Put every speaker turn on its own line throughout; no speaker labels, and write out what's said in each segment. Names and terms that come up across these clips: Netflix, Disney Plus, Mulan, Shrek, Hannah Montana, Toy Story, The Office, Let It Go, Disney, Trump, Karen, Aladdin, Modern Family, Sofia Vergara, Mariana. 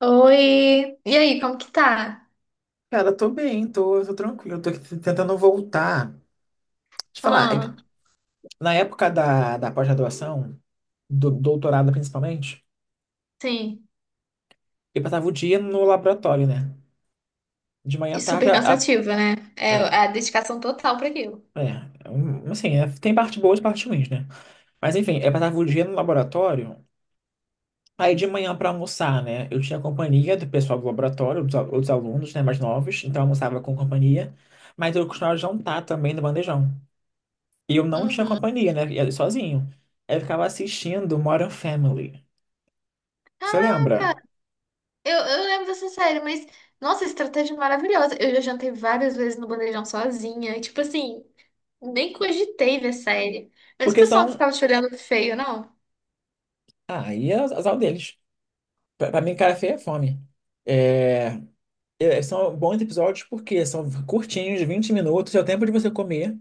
Oi! E aí, como que tá?
Cara, tô bem, tô tranquilo, tô aqui tentando voltar. Deixa eu te falar, é que
Ah,
na época da pós-graduação, do doutorado principalmente,
sim.
eu passava o dia no laboratório, né? De manhã
E
à tarde,
super cansativo, né? É
a-
a dedicação total pra aquilo.
é, tem parte boa e parte ruins, né? Mas enfim, eu passava o dia no laboratório, aí de manhã pra almoçar, né? Eu tinha companhia do pessoal do laboratório, outros alunos, né, mais novos, então eu almoçava com companhia, mas eu costumava jantar também no bandejão. E eu não tinha
Uhum.
companhia, né? Ia sozinho. Aí eu ficava assistindo Modern Family. Você lembra?
Caraca! Eu lembro dessa série, mas... Nossa, estratégia maravilhosa. Eu já jantei várias vezes no bandejão sozinha. Tipo assim, nem cogitei ver série. Mas o
Porque
pessoal não
são.
ficava te olhando feio, não?
Ah, e é azar deles. Pra mim, cara feia é fome. É, São bons episódios porque são curtinhos, 20 minutos, é o tempo de você comer,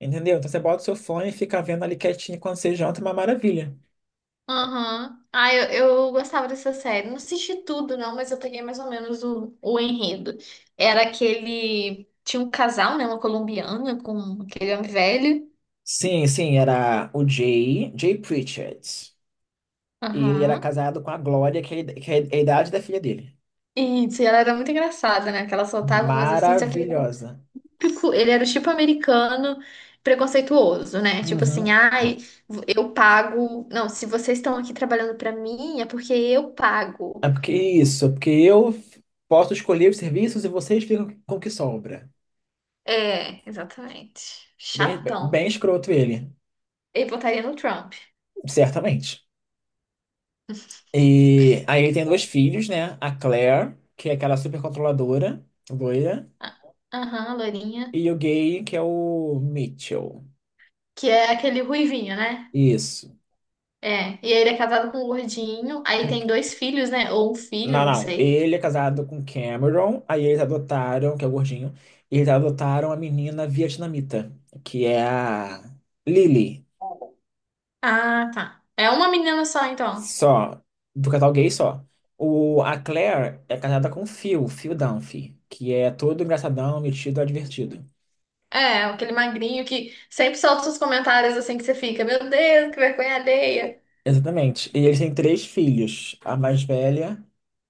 entendeu? Então você bota o seu fone e fica vendo ali quietinho quando você janta, é uma maravilha.
Aham. Ah, eu gostava dessa série. Não assisti tudo, não, mas eu peguei mais ou menos o enredo. Era aquele. Tinha um casal, né? Uma colombiana com aquele homem velho.
Sim, sim, era o Jay, Jay Pritchett. E ele era
Aham.
casado com a Glória, que é a idade da filha dele.
E se ela era muito engraçada, né? Que ela soltava umas assim, só que ele era o
Maravilhosa.
típico, ele era o tipo americano preconceituoso, né? Tipo
Uhum.
assim, ai, eu pago. Não, se vocês estão aqui trabalhando pra mim, é porque eu pago.
É porque é isso, é porque eu posso escolher os serviços e vocês ficam com o que sobra.
É, exatamente.
Bem, bem
Chatão.
escroto ele,
Ele votaria no Trump.
certamente. E aí ele tem dois filhos, né? A Claire, que é aquela super controladora, loira,
Ah, aham, loirinha.
e o gay, que é o Mitchell.
Que é aquele ruivinho, né?
Isso.
É. E ele é casado com um gordinho. Aí
Com-
tem dois filhos, né? Ou um filho,
Não,
não
não.
sei.
Ele é casado com Cameron, aí eles adotaram, que é o gordinho, eles adotaram a menina vietnamita, que é a Lily.
Ah, tá. É uma menina só, então.
Só. Do casal gay só. A Claire é casada com o Phil, Phil Dunphy, que é todo engraçadão, metido, advertido.
É, aquele magrinho que sempre solta os comentários assim que você fica, meu Deus, que vergonha alheia.
Exatamente. E eles têm três filhos. A mais velha,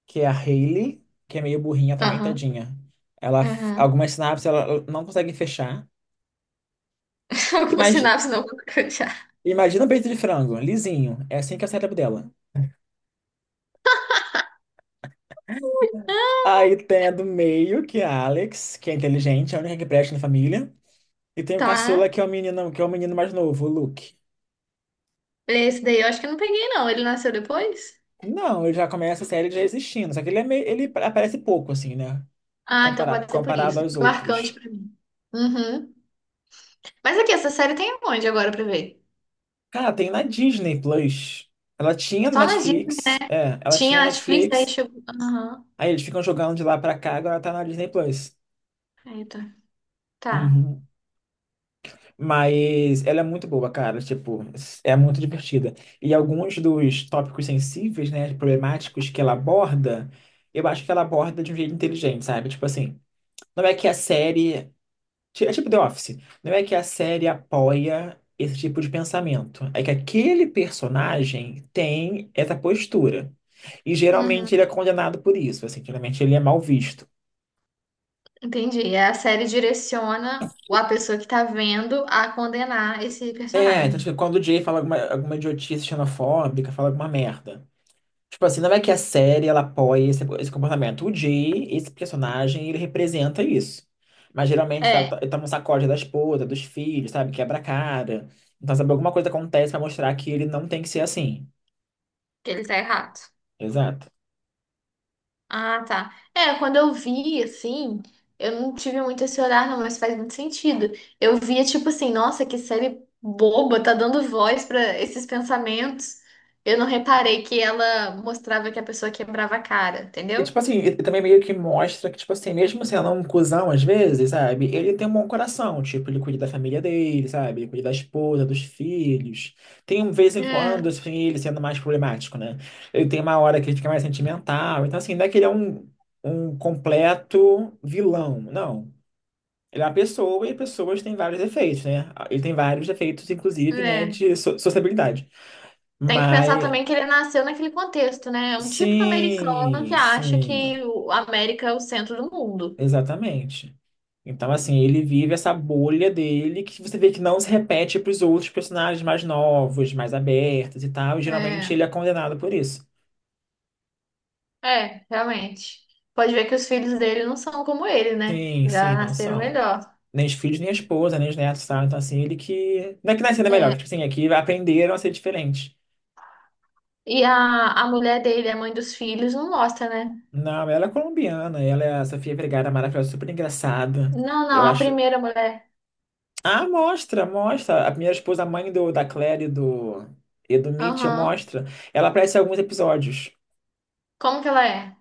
que é a Hailey, que é meio burrinha também,
Aham,
tadinha. Ela,
aham.
algumas sinapses ela não consegue fechar.
Alguma
Imagina,
sinapse não já.
imagina um peito de frango, lisinho. É assim que é o cérebro dela. Aí tem a do meio, que é a Alex, que é inteligente, é a única que presta na família. E tem o
Tá.
caçula, que é o menino, que é o menino mais novo, o Luke.
Esse daí eu acho que eu não peguei, não. Ele nasceu depois?
Não, ele já começa a série já existindo, só que ele, é meio, ele aparece pouco, assim, né?
Ah, então pode ser por
Comparado
isso.
aos
Marcante
outros.
pra mim. Uhum. Mas aqui, essa série tem onde agora pra ver?
Cara, tem na Disney Plus. Ela tinha
Só nas Disney.
Netflix, ela tinha
Tinha Netflix, aí
Netflix,
chegou. Aham.
aí eles ficam jogando de lá pra cá, agora tá na Disney Plus.
Eita. Tá.
Uhum. Mas ela é muito boa, cara, tipo, é muito divertida. E alguns dos tópicos sensíveis, né, problemáticos que ela aborda, eu acho que ela aborda de um jeito inteligente, sabe? Tipo assim, não é que a série Ti- É tipo The Office. Não é que a série apoia esse tipo de pensamento. É que aquele personagem tem essa postura. E geralmente ele é
Uhum.
condenado por isso. Assim, geralmente ele é mal visto.
Entendi. É, a série direciona a pessoa que tá vendo a condenar esse
É, então,
personagem.
tipo, quando o Jay fala alguma idiotice xenofóbica, fala alguma merda. Tipo assim, não é que a série ela apoia esse comportamento. O Jay, esse personagem, ele representa isso. Mas geralmente
É,
ele toma um sacode da esposa, dos filhos, sabe? Quebra a cara. Então, sabe, alguma coisa acontece pra mostrar que ele não tem que ser assim.
que ele tá errado.
Exato.
Ah, tá. É, quando eu vi, assim, eu não tive muito esse olhar, não, mas faz muito sentido. Eu via, tipo assim, nossa, que série boba, tá dando voz pra esses pensamentos. Eu não reparei que ela mostrava que a pessoa quebrava a cara,
E,
entendeu?
tipo assim, ele também meio que mostra que, tipo assim, mesmo sendo um cuzão às vezes, sabe? Ele tem um bom coração, tipo, ele cuida da família dele, sabe? Ele cuida da esposa, dos filhos. Tem, um vez em quando,
É,
assim, ele sendo mais problemático, né? Ele tem uma hora que ele fica mais sentimental. Então, assim, não é que ele é um, um completo vilão, não. Ele é uma pessoa e pessoas têm vários defeitos, né? Ele tem vários defeitos, inclusive, né,
é.
de sociabilidade.
Tem que pensar
Mas,
também que ele nasceu naquele contexto, né? É um típico americano que
sim,
acha
sim,
que o- a América é o centro do mundo.
exatamente. Então, assim, ele vive essa bolha dele que você vê que não se repete para os outros personagens mais novos, mais abertos e tal. E geralmente
É,
ele é condenado por isso.
realmente. Pode ver que os filhos dele não são como ele, né?
Sim,
Já
sim, não
nasceram
são.
melhor.
Nem os filhos, nem a esposa, nem os netos, sabe? Então, assim, ele que. Não é que nasceu melhor, que, tipo assim, É que aprenderam a ser diferente.
E a mulher dele, a mãe dos filhos, não mostra, né?
Não, ela é colombiana, ela é a Sofia Vergara, maravilhosa, super engraçada.
Não, não,
Eu
a
acho.
primeira mulher.
Ah, mostra, mostra. A primeira esposa, a mãe da Claire e do Mitchell,
Aham.
mostra. Ela aparece em alguns episódios.
Como que ela é?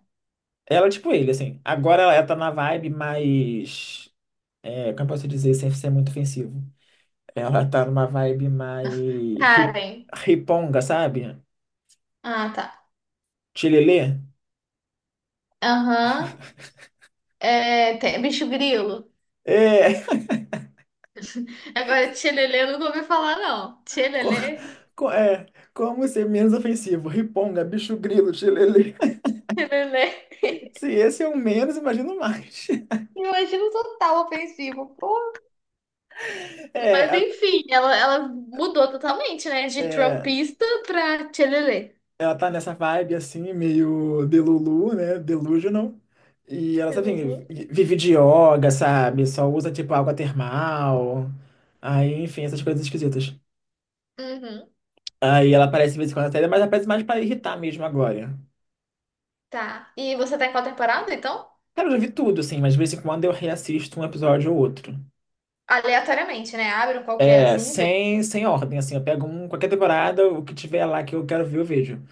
Ela é tipo ele, assim. Agora ela tá na vibe mais. É, como eu posso dizer, sem ser muito ofensivo? Ela tá numa vibe mais. Hip
Karen.
Riponga, sabe?
Ah, tá.
Chilelê.
Aham. É, tem- bicho grilo.
É.
Agora, tchelelê, eu nunca ouvi falar, não.
Co,
Tchelelê?
É. Como ser menos ofensivo? Riponga, bicho grilo, chilelê.
Tchelelê.
Se esse é o menos, imagino mais.
Imagina o total ofensivo. Pô,
É,
mas
a-
enfim, ela mudou totalmente, né? De
é.
trumpista pra tchelelê.
Ela tá nessa vibe assim, meio delulu, né? Delusional. E ela, sabe,
Jesus.
vive de yoga, sabe? Só usa, tipo, água termal. Aí, enfim, essas coisas esquisitas.
Uhum,
Aí ela aparece de vez em quando na série, mas aparece mais pra irritar mesmo agora.
tá. E você tá em qual temporada, então?
Cara, eu já vi tudo, assim, mas de vez em quando eu reassisto um episódio ou outro.
Aleatoriamente, né? Abre um qualquer
É,
assim e vê.
sem ordem, assim, eu pego um, qualquer temporada, o que tiver lá que eu quero ver, eu vejo.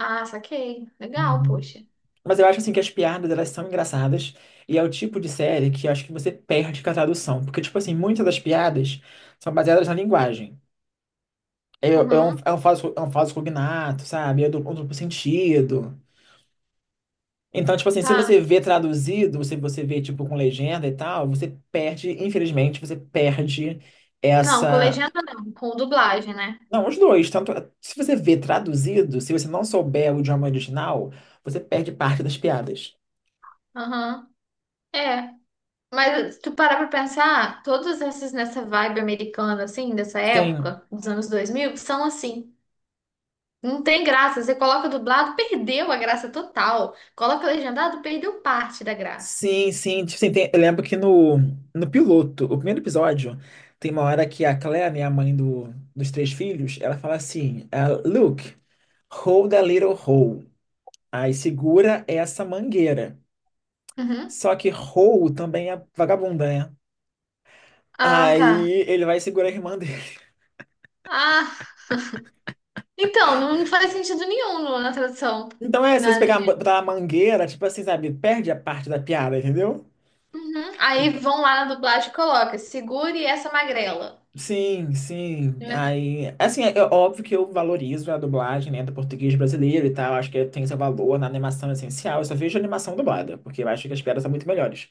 Ah, saquei. Legal,
Uhum.
poxa.
Mas eu acho assim que as piadas elas são engraçadas e é o tipo de série que eu acho que você perde com a tradução, porque tipo assim, muitas das piadas são baseadas na linguagem.
Uhum,
É um falso cognato, sabe? É do, um duplo sentido. Então, tipo assim, se
tá.
você vê traduzido, se você vê tipo com legenda e tal, você perde, infelizmente, você perde
Não, com
essa.
legenda não, com dublagem, né?
Não, os dois, tanto se você vê traduzido, se você não souber o idioma original, você perde parte das piadas.
Aham. É. Mas se tu parar pra pensar, todos esses nessa vibe americana, assim, dessa
Sim,
época, dos anos 2000 são assim. Não tem graça. Você coloca dublado, perdeu a graça total. Coloca legendado, perdeu parte da graça.
Sim. Tipo, assim, eu lembro que no piloto, o primeiro episódio, tem uma hora que a Claire, né, a mãe dos três filhos, ela fala assim: ah, Luke, hold a little hole. Aí segura essa mangueira.
Uhum.
Só que hole também é vagabunda, né?
Ah, tá.
Aí ele vai segurar a irmã dele.
Ah, então, não faz sentido nenhum no- na tradução.
Então é, se você
Na
pegar
legenda.
botar a mangueira, tipo assim, sabe, perde a parte da piada, entendeu?
Uhum. Aí
Então,
vão lá na dublagem e coloca, segure essa magrela.
Sim, sim. Aí, assim, é é óbvio que eu valorizo a dublagem, né, do português brasileiro e tal. Acho que tem seu valor na animação essencial. Eu só vejo animação dublada, porque eu acho que as piadas são muito melhores.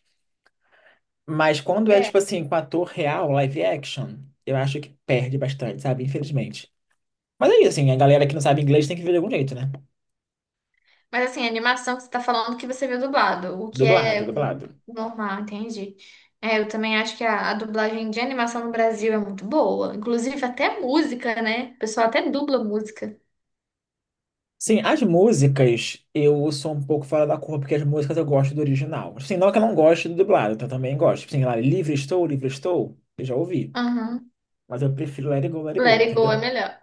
Mas quando é,
É. É.
tipo assim, com ator real, live action, eu acho que perde bastante, sabe? Infelizmente. Mas aí, assim, a galera que não sabe inglês tem que ver de algum jeito, né?
Mas assim, a animação que você tá falando que você viu dublado, o que
Dublado,
é
dublado.
normal, entendi. É, eu também acho que a dublagem de animação no Brasil é muito boa. Inclusive até música, né? O pessoal até dubla música.
Sim, as músicas eu sou um pouco fora da curva, porque as músicas eu gosto do original. Assim, não que eu não goste do dublado, então eu também gosto. Assim, lá, Livre Estou, Livre Estou, eu já ouvi.
Aham.
Mas eu prefiro Let It Go, Let It
Let
Go,
It Go é
entendeu?
melhor.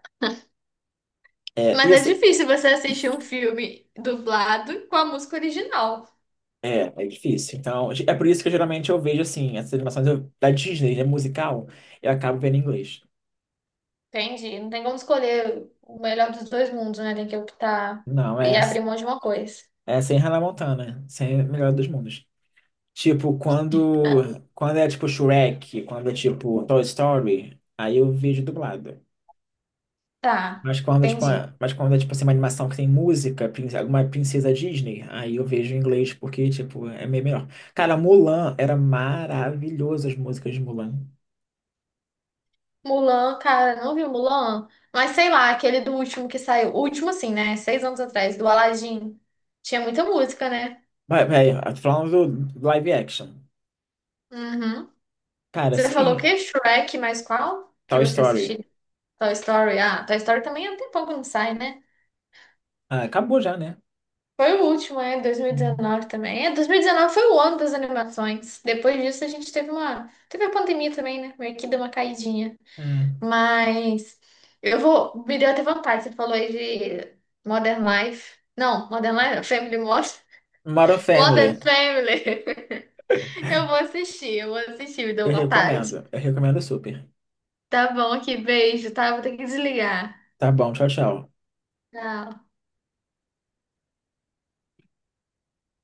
É, e
Mas
eu,
é
sei-
difícil você assistir um filme dublado com a música original.
é difícil. Então, é por isso que eu, geralmente eu vejo assim, da Disney, né, musical, eu acabo vendo em inglês.
Entendi. Não tem vamos escolher o melhor dos dois mundos, né? Tem que optar
Não,
e
é,
abrir mão de uma coisa.
é sem Hannah Montana, sem Melhor dos Mundos. Tipo, quando é tipo Shrek, quando é tipo Toy Story, aí eu vejo dublado.
Tá,
Mas
entendi.
quando é, tipo, assim, uma animação que tem música, alguma princesa Disney, aí eu vejo em inglês, porque, tipo, é meio melhor. Cara, Mulan era maravilhoso as músicas de Mulan.
Mulan, cara, não viu Mulan? Mas sei lá, aquele do último que saiu. O último, assim, né? Seis anos atrás, do Aladdin. Tinha muita música, né?
Vai velho, eu tô falando do live action.
Uhum.
Cara,
Você falou o
sim,
quê? Shrek, mas qual? Que
Toy
você
Story.
assistiu? Toy Story. Ah, Toy Story também há um tempão que não sai, né?
Ah, acabou já, né?
Foi o último, é,
Uhum.
2019 também. É, 2019 foi o ano das animações. Depois disso a gente teve uma, teve a pandemia também, né? Meio que deu uma caidinha.
É.
Mas eu vou, me deu até vontade, você falou aí de Modern Life. Não, Modern Life, não, Family Modern,
Modern
Modern
Family.
Family. Eu vou assistir, me deu
Eu
vontade.
recomendo. Eu recomendo super.
Tá bom aqui, beijo, tá? Vou ter que desligar.
Tá bom, tchau, tchau.
Tchau.